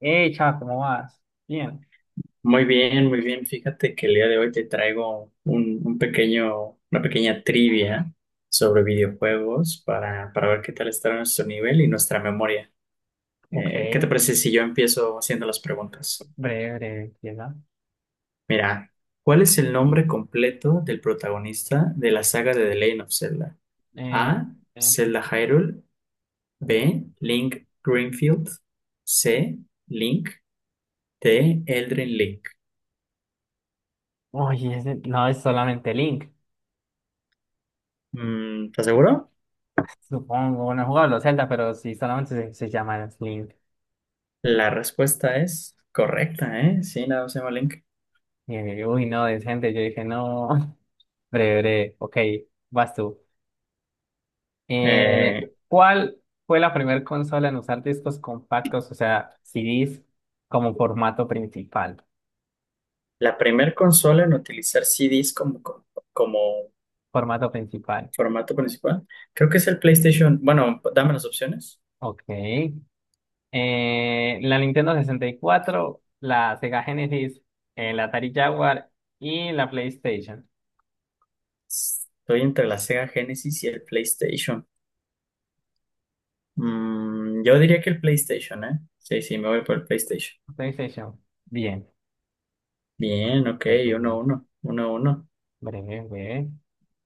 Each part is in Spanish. Chava, ¿cómo vas? Bien. Muy bien, muy bien. Fíjate que el día de hoy te traigo un pequeño, una pequeña trivia sobre videojuegos para, ver qué tal está nuestro nivel y nuestra memoria. Ok, ¿Qué te parece si yo empiezo haciendo las preguntas? breve, breve, empieza. Mira, ¿cuál es el nombre completo del protagonista de la saga de The Legend of Zelda? Eh, A, eh, Zelda Hyrule. B, Link Greenfield. C, Link. D, Eldrin Link. Oye, ese no es solamente Link, Mm, ¿estás seguro? supongo. No he jugado a los Zelda, pero sí solamente se llama Link. La respuesta es correcta, ¿eh? Sí, la Seba Link. Uy, no, decente. Yo dije, no. Breve, breve. Ok, vas tú. Eh, Eh, ¿Cuál fue la primera consola en usar discos compactos, o sea, CDs, como formato principal? la primer consola en utilizar CDs como Formato principal. formato principal, creo que es el PlayStation. Bueno, dame las opciones. Ok, la Nintendo sesenta y cuatro, la Sega Genesis, la Atari Jaguar y la PlayStation. Estoy entre la Sega Genesis y el PlayStation. Mm, yo diría que el PlayStation, ¿eh? Sí, sí, me voy por el PlayStation. PlayStation. Bien. Bien, ok, uno, Google. uno, uno, uno. Breve, breve.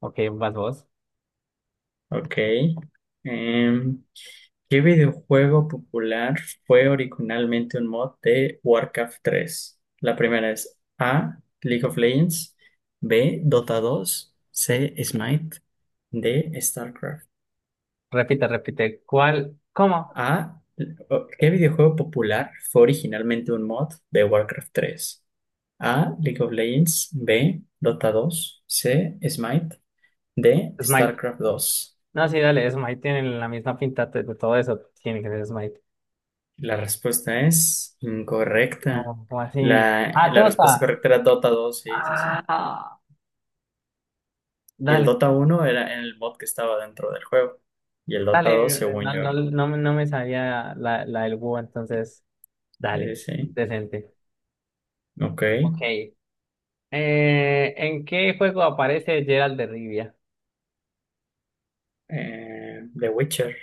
Ok, vas vos. Ok. Em, ¿Qué videojuego popular fue originalmente un mod de Warcraft tres? La primera es A, League of Legends; B, Dota dos; C, Smite; D, StarCraft. Repite, repite. ¿Cuál? ¿Cómo? A, ¿qué videojuego popular fue originalmente un mod de Warcraft tres? A, League of Legends; B, Dota dos; C, Smite; D, Smite. StarCraft 2. No, sí, dale, Smite tiene la misma pinta de todo eso. Tiene que ser Smite. La respuesta es incorrecta. No, ¿cómo así? La, Ah, la respuesta Tota. correcta era Dota dos, sí, sí, sí. Ah, Y el dale, Dota uno era en el mod que estaba dentro del juego. Y el Dota dale. dos, según No, yo, no, no, me no me sabía la del Wu, entonces, dale, sí. decente. Ok. Ok. ¿En qué juego aparece Gerald de Rivia? The Witcher.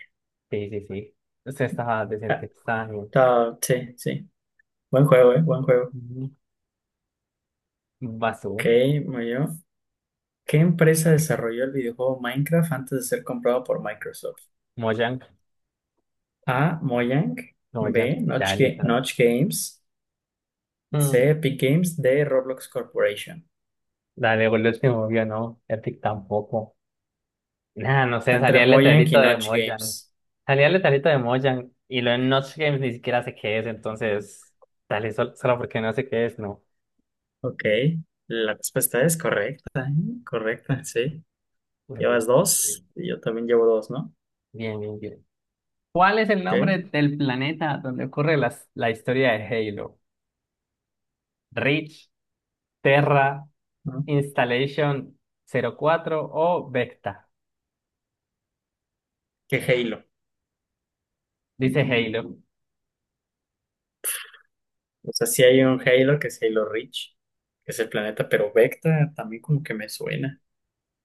Sí, sí, sí. Usted estaba decente. Ah, Estaba bien. Sí, sí. Buen juego, buen juego. Ujú. Ok, Basú. muy bien. ¿Qué empresa desarrolló el videojuego Minecraft antes de ser comprado por Microsoft? Mojang. A, Mojang. Mojang. B, Ya, listo. Notch Games. C, Mm, Epic Games. D, Roblox Corporation. dale, por el último obvio, no. Epic tampoco. Nada, no Está sé. entre Salía el Mojang y letrerito de Notch Mojang. Games. Salía el letrerito de Mojang. Y lo en Notch Games ni siquiera sé qué es. Entonces, dale, solo, porque no sé qué es, no. Ok, la respuesta es correcta, ¿eh? Correcta, sí. Llevas Bien, dos y yo también llevo dos, ¿no? bien, bien. ¿Cuál es el nombre Ok, del planeta donde ocurre la historia de Halo? Reach, Terra, ¿no? Installation 04 o Vecta. ¿Qué Halo? Dice Halo. O sea, sí hay un Halo que es Halo Reach, que es el planeta, pero Vecta también como que me suena.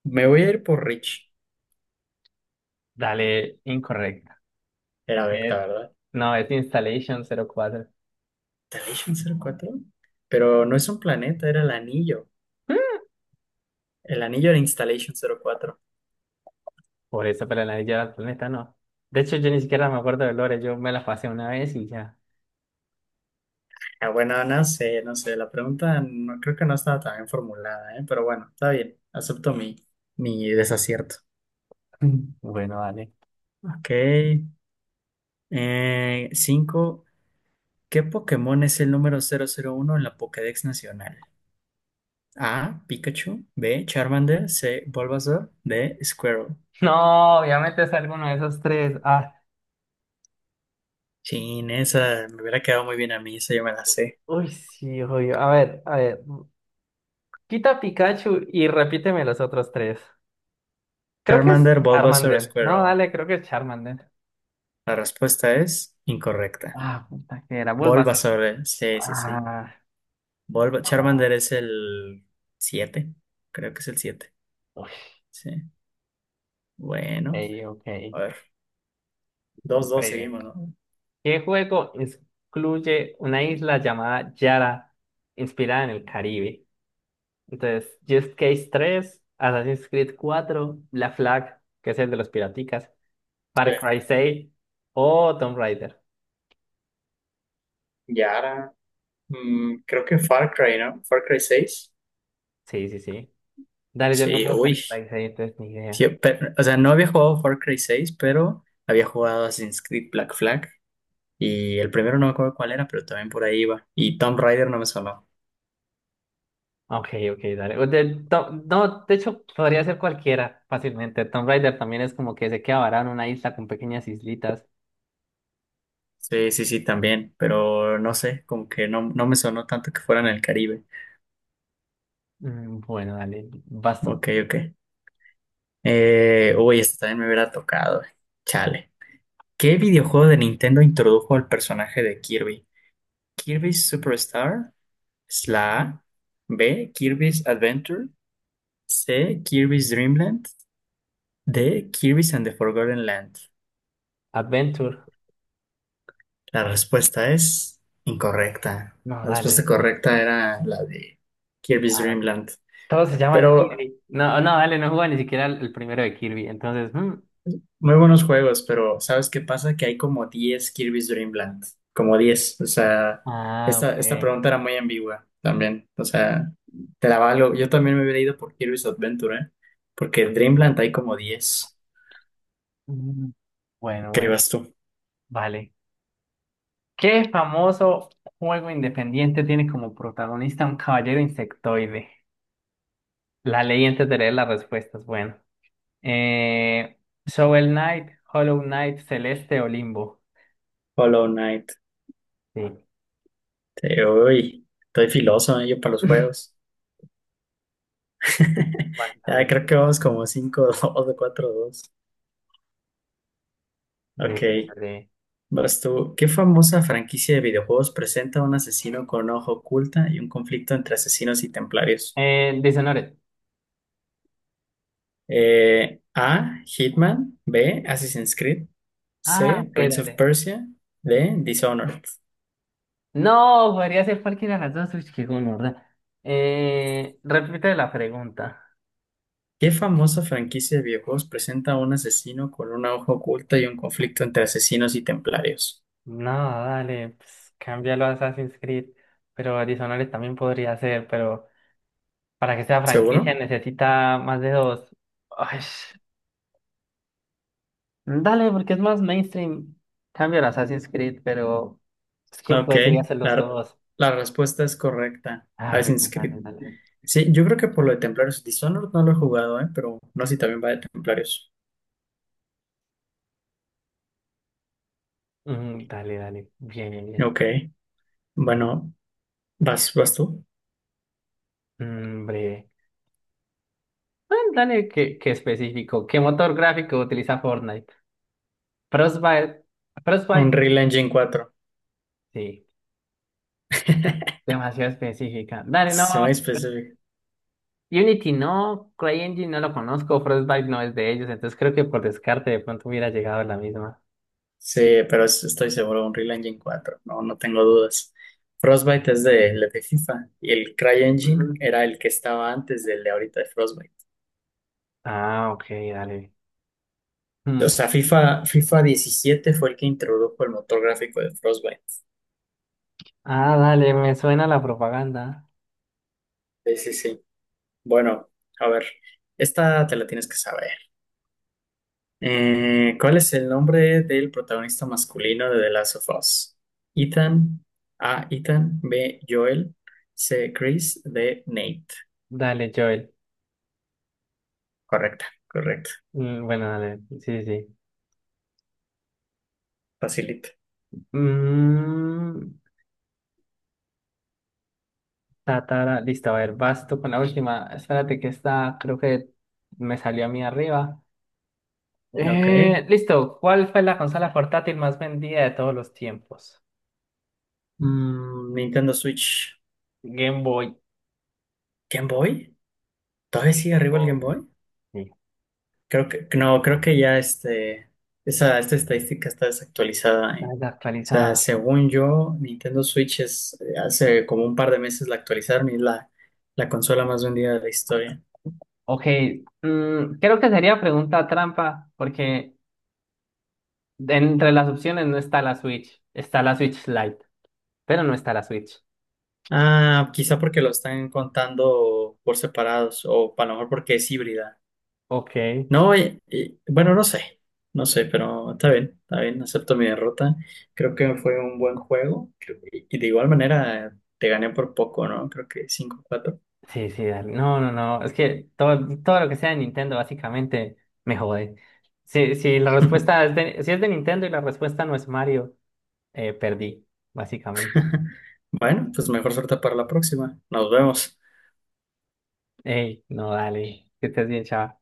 Me voy a ir por Reach. Dale, incorrecta. Era Vecta, Es, ¿verdad? no, es Installation 04. Installation 04. Pero no es un planeta, era el anillo. El anillo era Installation 04. Por eso, pero la Anillo del Planeta no. De hecho, yo ni siquiera me acuerdo de Lore. Yo me la pasé una vez y ya. Ah, bueno, no sé, no sé, la pregunta no creo que no estaba tan bien formulada, ¿eh? Pero bueno, está bien, acepto mi, mi desacierto. Bueno, dale. Ok, cinco, ¿qué Pokémon es el número cero cero uno en la Pokédex Nacional? A, Pikachu; B, Charmander; C, Bulbasaur; D, Squirtle. No, obviamente es alguno de esos tres. Ah, Chin, esa me hubiera quedado muy bien a mí, esa yo me la sé. uy, sí, obvio. A ver, a ver. Quita Pikachu y repíteme los otros tres. Creo que es Charmander, Bulbasaur, Charmander. No, Squirtle. dale, creo que es Charmander. La respuesta es incorrecta. Ah, puta que era. Bulbas Bulbasaur, sí, sí, sí. ah, ah, Charmander es el siete. Creo que es el 7. ok, Sí. Bueno. ok. A ver. Dos dos Breve. seguimos, ¿no? ¿Qué juego incluye una isla llamada Yara inspirada en el Caribe? Entonces, Just Case tres, Assassin's Creed cuatro Black Flag, que es el de los piraticas, Far Sí. Cry 6 o Tomb Raider. Y ahora, mm, creo que Far Cry, ¿no? Far Cry seis. Sí, sí, sí. Dale, yo no Sí, juego Far uy. Cry 6, entonces ni idea. Sí, o sea, no había jugado Far Cry seis, pero había jugado Assassin's Creed Black Flag. Y el primero no me acuerdo cuál era, pero también por ahí iba. Y Tomb Raider no me sonó. Ok, ok, dale. No, de hecho, podría ser cualquiera fácilmente. Tomb Raider también es como que se queda varado en una isla con pequeñas islitas. Sí, sí, sí, también. Pero no sé, como que no, no me sonó tanto que fuera en el Caribe. Mm, bueno, dale, basto. Ok, ok. Uy, esta también me hubiera tocado. Chale. ¿Qué videojuego de Nintendo introdujo al personaje de Kirby? ¿Kirby Superstar? ¿Es la A? ¿B? ¿Kirby's Adventure? ¿C? ¿Kirby's Dreamland? ¿D? ¿Kirby's and the Forgotten Land? Adventure. La respuesta es incorrecta. No, La respuesta dale. correcta era la de Kirby's Ah, Dreamland. todos se llaman Pero Kirby. No, no, dale, no juega ni siquiera el primero de Kirby. Entonces, mm, muy buenos juegos, pero ¿sabes qué pasa? Que hay como 10 Kirby's Dream Land, como diez. O sea, ah, esta ok. pregunta era muy ambigua también. O sea, te la valgo. Yo también me hubiera ido por Kirby's Adventure, ¿eh? Porque en Dreamland hay como diez. Mm, bueno, ¿Qué bueno, vas tú? vale. ¿Qué famoso juego independiente tiene como protagonista un caballero insectoide? La ley antes de leer las respuestas. Bueno, eh, Shovel Knight, Hollow Knight, Celeste o Limbo. Hollow Knight. Sí, Uy, estoy filoso, ¿eh? Yo para los juegos. Ya creo básicamente. que vamos como cinco dos o cuatro dos. Breve, Ok. breve, breve. Vas tú. ¿Qué famosa franquicia de videojuegos presenta un asesino con ojo oculta y un conflicto entre asesinos y templarios? Dishonored. A, Hitman. B, Assassin's Creed. Ah, C, ok, Prince of dale. Persia. D, Dishonored. No, podría ser cualquiera de las dos. Uy, qué gonorrea. Repite la pregunta. ¿Qué famosa franquicia de videojuegos presenta un asesino con una hoja oculta y un conflicto entre asesinos y templarios? No, dale, pues cámbialo a Assassin's Creed. Pero Dishonored también podría ser, pero para que sea franquicia ¿Seguro? necesita más de dos. Ay, dale, porque es más mainstream. Cambio a Assassin's Creed, pero es que Ok, podría ser los la, dos. la respuesta es correcta. Ah, Assassin's bueno, Creed. dale, dale. Sí, yo creo que por lo de Templarios. Dishonored no lo he jugado, ¿eh? Pero no sé si también va de Templarios. Mm, dale, dale. Bien, bien, bien. Ok. Bueno, vas tú. Mm, breve. Bueno, dale, qué, qué específico. ¿Qué motor gráfico utiliza Fortnite? Frostbite. Frostbite. Unreal Engine Sí, demasiado específica. Dale, 4. Muy no. específico. Unity no. CryEngine no lo conozco. Frostbite no es de ellos. Entonces creo que por descarte de pronto hubiera llegado la misma. Sí, pero estoy seguro, Unreal Engine cuatro. No, no tengo dudas. Frostbite es de, el de FIFA, y el CryEngine Ujú. era el que estaba antes del de ahorita de Frostbite. Ah, ok, dale. O Hmm. sea, FIFA, FIFA diecisiete fue el que introdujo el motor gráfico de Frostbite. Ah, dale, me suena la propaganda. Sí, sí, sí. Bueno, a ver, esta te la tienes que saber. ¿Cuál es el nombre del protagonista masculino de The Last of Us? Ethan, A, Ethan; B, Joel; C, Chris; D, Nate. Dale, Joel. Correcta, correcto. Mm, bueno, dale. Sí, sí, sí. Facilita. Mm, tatara, listo, a ver, vas tú con la última. Espérate que esta creo que me salió a mí arriba. Ok. Listo, ¿cuál fue la consola portátil más vendida de todos los tiempos? Mm, Nintendo Switch. Game Boy. ¿Game Boy? ¿Todavía Game sigue arriba el Boy. Game Boy? Sí. Creo que, no, creo que ya este, esa, esta estadística está desactualizada, La ¿eh? O sea, desactualizada. según yo, Nintendo Switch es, hace como un par de meses la actualizaron y es la, la consola más vendida de la historia. Ok, mm, creo que sería pregunta trampa, porque entre las opciones no está la Switch, está la Switch Lite, pero no está la Switch. Ah, quizá porque lo están contando por separados o a lo mejor porque es híbrida. Ok. No, bueno, no sé, no sé, pero está bien, acepto mi derrota. Creo que fue un buen juego y de igual manera te gané por poco, ¿no? Creo que cinco cuatro. Sí, sí, dale. No, no, no. Es que todo, todo lo que sea de Nintendo básicamente me jode. Si, si la respuesta es de, si es de Nintendo y la respuesta no es Mario, perdí, básicamente. Bueno, pues mejor suerte para la próxima. Nos vemos. Ey, no, dale. Que estés bien, chaval.